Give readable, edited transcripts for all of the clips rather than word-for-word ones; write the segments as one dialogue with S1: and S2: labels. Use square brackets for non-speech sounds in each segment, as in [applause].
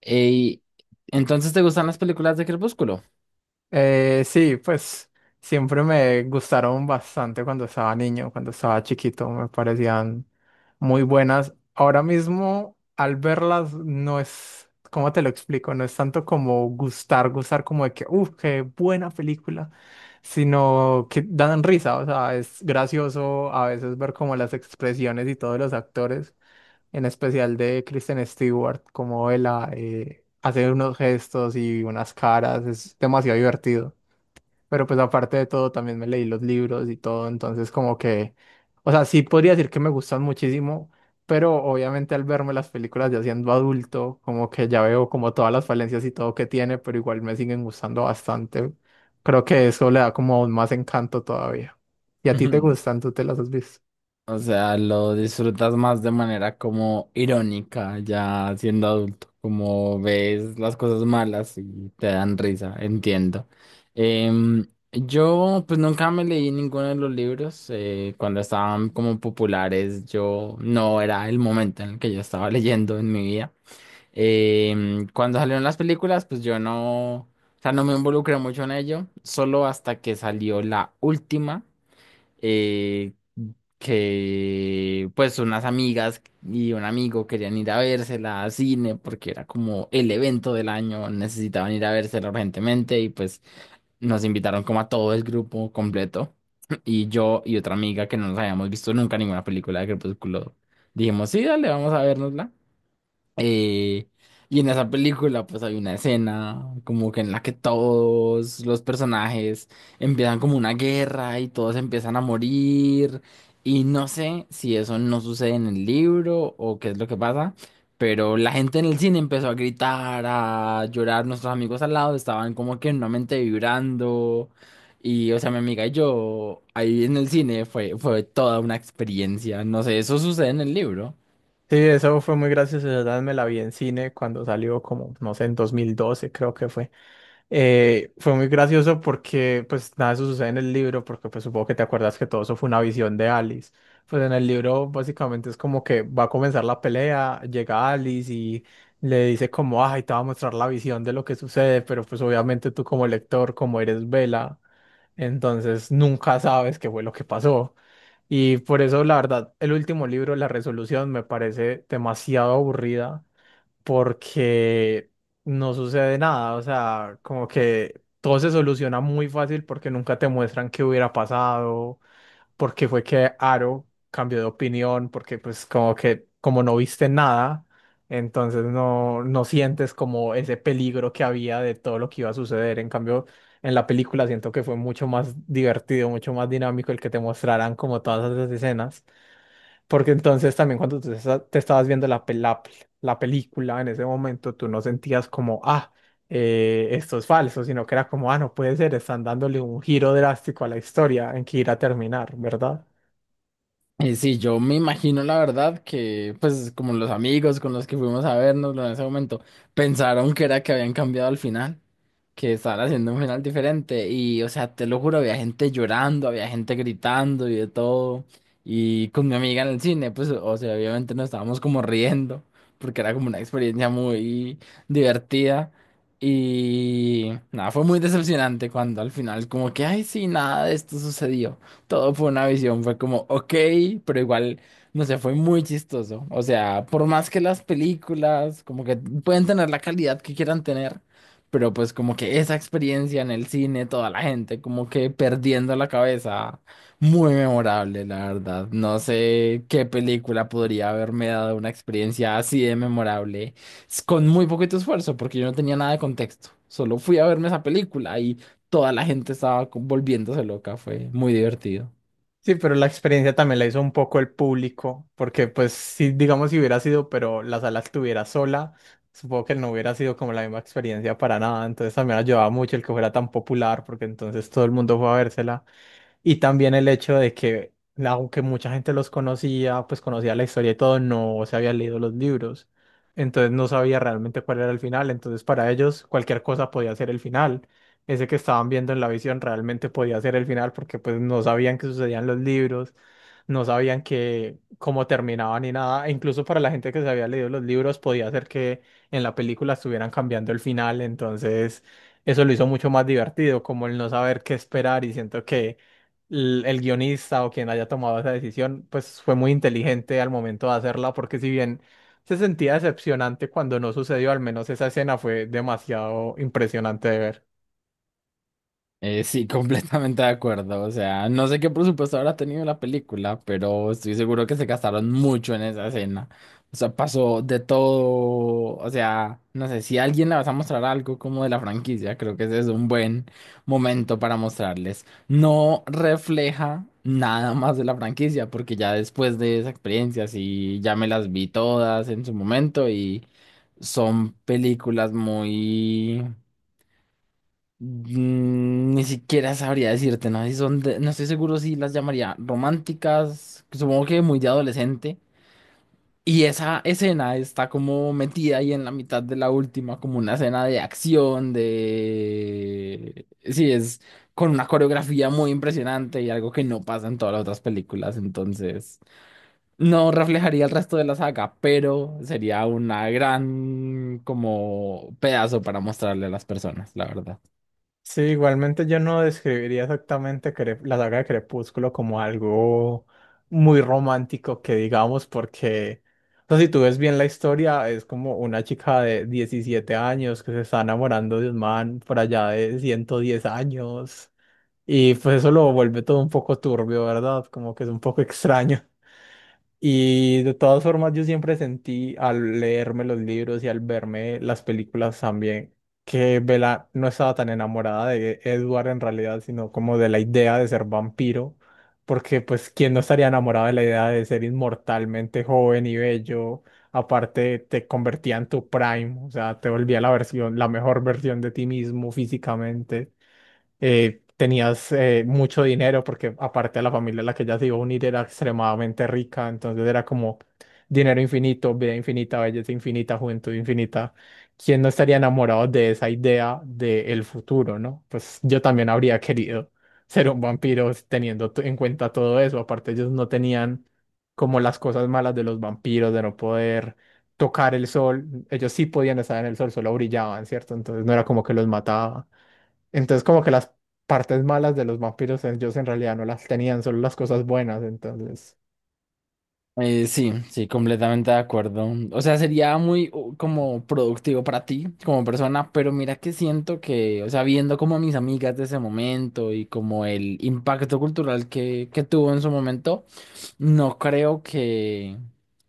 S1: Ey, entonces te gustan las películas de Crepúsculo.
S2: Sí, pues siempre me gustaron bastante cuando estaba niño, cuando estaba chiquito, me parecían muy buenas. Ahora mismo, al verlas, no es, ¿cómo te lo explico? No es tanto como gustar, gustar como de que, uff, qué buena película, sino que dan risa, o sea, es gracioso a veces ver como las expresiones y todos los actores en especial de Kristen Stewart, como ella hace unos gestos y unas caras, es demasiado divertido. Pero pues aparte de todo, también me leí los libros y todo, entonces como que, o sea, sí podría decir que me gustan muchísimo, pero obviamente al verme las películas ya siendo adulto, como que ya veo como todas las falencias y todo que tiene, pero igual me siguen gustando bastante. Creo que eso le da como aún más encanto todavía. ¿Y a ti te
S1: [laughs]
S2: gustan? ¿Tú te las has visto?
S1: O sea, lo disfrutas más de manera como irónica, ya siendo adulto, como ves las cosas malas y te dan risa, entiendo. Em, yo pues nunca me leí ninguno de los libros. Cuando estaban como populares, yo no era el momento en el que yo estaba leyendo en mi vida. Cuando salieron las películas, pues yo no, o sea, no me involucré mucho en ello, solo hasta que salió la última, eh, que pues unas amigas y un amigo querían ir a vérsela a cine porque era como el evento del año, necesitaban ir a vérsela urgentemente y pues nos invitaron como a todo el grupo completo. [clears throat] Y yo y otra amiga que no nos habíamos visto nunca ninguna película de Crepúsculo, dijimos, sí, dale, vamos a vernosla. Eh, y en esa película pues hay una escena como que en la que todos los personajes empiezan como una guerra y todos empiezan a morir y no sé si eso no sucede en el libro o qué es lo que pasa, pero la gente en el cine empezó a gritar, a llorar, nuestros amigos al lado estaban como que nuevamente vibrando y o sea mi amiga y yo ahí en el cine fue toda una experiencia, no sé, eso sucede en el libro.
S2: Sí, eso fue muy gracioso, la verdad me la vi en cine cuando salió como, no sé, en 2012 creo que fue. Fue muy gracioso porque pues nada de eso sucede en el libro, porque pues supongo que te acuerdas que todo eso fue una visión de Alice. Pues en el libro básicamente es como que va a comenzar la pelea, llega Alice y le dice como, ay, te va a mostrar la visión de lo que sucede, pero pues obviamente tú como lector, como eres Vela, entonces nunca sabes qué fue lo que pasó. Y por eso, la verdad, el último libro, La Resolución, me parece demasiado aburrida porque no sucede nada. O sea, como que todo se soluciona muy fácil porque nunca te muestran qué hubiera pasado, porque fue que Aro cambió de opinión, porque pues como que como no viste nada, entonces no, no sientes como ese peligro que había de todo lo que iba a suceder. En cambio, en la película siento que fue mucho más divertido, mucho más dinámico el que te mostraran como todas esas escenas. Porque entonces también cuando tú te estabas viendo la película en ese momento, tú no sentías como, ah, esto es falso, sino que era como, ah, no puede ser, están dándole un giro drástico a la historia en que irá a terminar, ¿verdad?
S1: Y sí, yo me imagino la verdad que, pues, como los amigos con los que fuimos a vernos en ese momento, pensaron que era que habían cambiado al final, que estaban haciendo un final diferente. Y, o sea, te lo juro, había gente llorando, había gente gritando y de todo. Y con mi amiga en el cine, pues, o sea, obviamente nos estábamos como riendo, porque era como una experiencia muy divertida. Y nada, fue muy decepcionante cuando al final como que, ay, sí, nada de esto sucedió. Todo fue una visión, fue como, ok, pero igual, no sé, fue muy chistoso. O sea, por más que las películas como que pueden tener la calidad que quieran tener, pero pues como que esa experiencia en el cine, toda la gente como que perdiendo la cabeza, muy memorable, la verdad. No sé qué película podría haberme dado una experiencia así de memorable, con muy poquito esfuerzo, porque yo no tenía nada de contexto. Solo fui a verme esa película y toda la gente estaba volviéndose loca, fue muy divertido.
S2: Sí, pero la experiencia también la hizo un poco el público, porque pues sí, digamos, si hubiera sido, pero la sala estuviera sola, supongo que no hubiera sido como la misma experiencia para nada, entonces también ayudaba mucho el que fuera tan popular, porque entonces todo el mundo fue a vérsela. Y también el hecho de que, aunque mucha gente los conocía, pues conocía la historia y todo, no se había leído los libros. Entonces no sabía realmente cuál era el final. Entonces para ellos cualquier cosa podía ser el final. Ese que estaban viendo en la visión realmente podía ser el final porque pues no sabían qué sucedían los libros, no sabían que cómo terminaban ni nada. E incluso para la gente que se había leído los libros podía ser que en la película estuvieran cambiando el final. Entonces eso lo hizo mucho más divertido, como el no saber qué esperar y siento que el guionista o quien haya tomado esa decisión, pues fue muy inteligente al momento de hacerla, porque si bien se sentía decepcionante cuando no sucedió, al menos esa escena fue demasiado impresionante de ver.
S1: Sí, [laughs] completamente de acuerdo. O sea, no sé qué presupuesto habrá tenido la película, pero estoy seguro que se gastaron mucho en esa escena. O sea, pasó de todo. O sea, no sé, si a alguien le vas a mostrar algo como de la franquicia, creo que ese es un buen momento para mostrarles. No refleja nada más de la franquicia, porque ya después de esa experiencia, sí, ya me las vi todas en su momento y son películas muy... Ni siquiera sabría decirte, ¿no? No estoy seguro si las llamaría románticas, supongo que muy de adolescente. Y esa escena está como metida ahí en la mitad de la última, como una escena de acción, de... Sí, es con una coreografía muy impresionante y algo que no pasa en todas las otras películas, entonces no reflejaría el resto de la saga, pero sería una gran como pedazo para mostrarle a las personas, la verdad.
S2: Sí, igualmente yo no describiría exactamente la saga de Crepúsculo como algo muy romántico que digamos, porque o sea, si tú ves bien la historia, es como una chica de 17 años que se está enamorando de un man por allá de 110 años. Y pues eso lo vuelve todo un poco turbio, ¿verdad? Como que es un poco extraño. Y de todas formas yo siempre sentí al leerme los libros y al verme las películas también que Bella no estaba tan enamorada de Edward en realidad, sino como de la idea de ser vampiro, porque pues quién no estaría enamorado de la idea de ser inmortalmente joven y bello. Aparte, te convertía en tu prime, o sea, te volvía la versión, la mejor versión de ti mismo físicamente. Tenías mucho dinero porque aparte la familia a la que ella se iba a unir era extremadamente rica, entonces era como dinero infinito, vida infinita, belleza infinita, juventud infinita. ¿Quién no estaría enamorado de esa idea del futuro, no? Pues yo también habría querido ser un vampiro teniendo en cuenta todo eso. Aparte, ellos no tenían como las cosas malas de los vampiros, de no poder tocar el sol. Ellos sí podían estar en el sol, solo brillaban, ¿cierto? Entonces no era como que los mataba. Entonces como que las partes malas de los vampiros ellos en realidad no las tenían, solo las cosas buenas. Entonces
S1: Sí, sí, completamente de acuerdo. O sea, sería muy como productivo para ti como persona, pero mira que siento que, o sea, viendo como a mis amigas de ese momento y como el impacto cultural que tuvo en su momento. No creo que,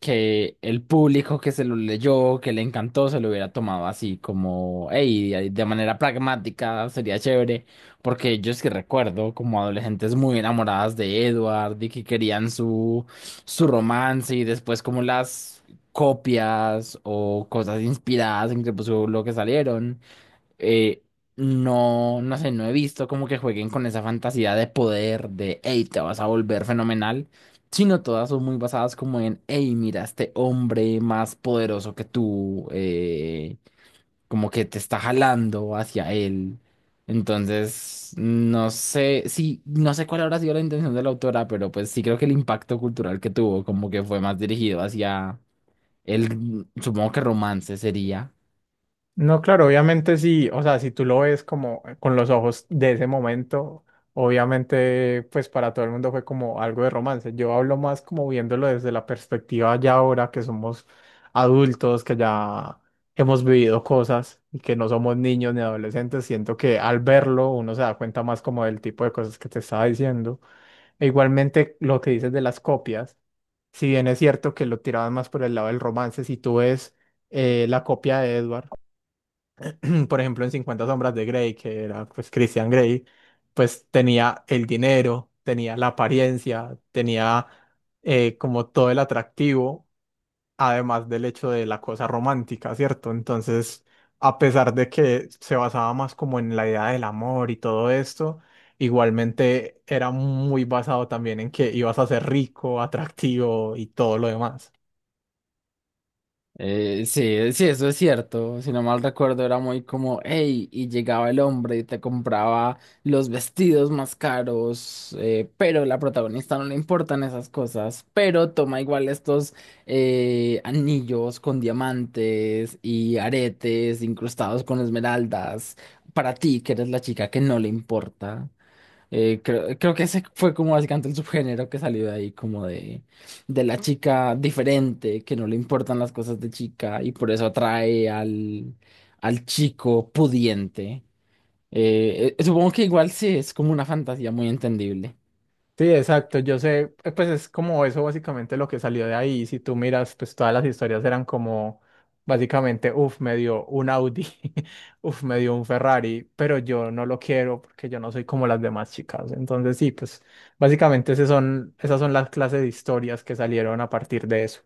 S1: que el público que se lo leyó, que le encantó, se lo hubiera tomado así como, hey, de manera pragmática, sería chévere, porque yo es que recuerdo como adolescentes muy enamoradas de Edward y que querían su romance y después como las copias o cosas inspiradas en Crepúsculo que salieron eh, no, no sé, no he visto como que jueguen con esa fantasía de poder, de, hey, te vas a volver fenomenal, sino todas son muy basadas como en, hey, mira, este hombre más poderoso que tú, como que te está jalando hacia él. Entonces, no sé, sí, no sé cuál habrá sido la intención de la autora, pero pues sí creo que el impacto cultural que tuvo como que fue más dirigido hacia el, supongo que romance sería.
S2: no, claro, obviamente sí, o sea, si tú lo ves como con los ojos de ese momento, obviamente pues para todo el mundo fue como algo de romance. Yo hablo más como viéndolo desde la perspectiva ya ahora que somos adultos, que ya hemos vivido cosas y que no somos niños ni adolescentes, siento que al verlo uno se da cuenta más como del tipo de cosas que te estaba diciendo. E igualmente lo que dices de las copias, si bien es cierto que lo tiraban más por el lado del romance, si tú ves la copia de Edward. [clears throat] Por ejemplo, en Cincuenta sombras de Grey, que era pues Christian Grey, pues tenía el dinero, tenía la apariencia, tenía como todo el atractivo, además del hecho de la cosa romántica, ¿cierto? Entonces, a pesar de que se basaba más como en la idea del amor y todo esto, igualmente era muy basado también en que ibas a ser rico, atractivo y todo lo demás.
S1: Sí, sí, eso es cierto. Si no mal recuerdo, era muy como, hey, y llegaba el hombre y te compraba los vestidos más caros, pero la protagonista no le importan esas cosas, pero toma igual estos anillos con diamantes y aretes incrustados con esmeraldas para ti, que eres la chica que no le importa. Creo que ese fue como básicamente el subgénero que salió de ahí, como de la chica diferente, que no le importan las cosas de chica y por eso atrae al chico pudiente. Supongo que igual sí es como una fantasía muy entendible.
S2: Sí, exacto. Yo sé, pues es como eso básicamente lo que salió de ahí. Si tú miras, pues todas las historias eran como básicamente, uff, me dio un Audi, [laughs] uff, me dio un Ferrari, pero yo no lo quiero porque yo no soy como las demás chicas. Entonces sí, pues básicamente esas son las clases de historias que salieron a partir de eso.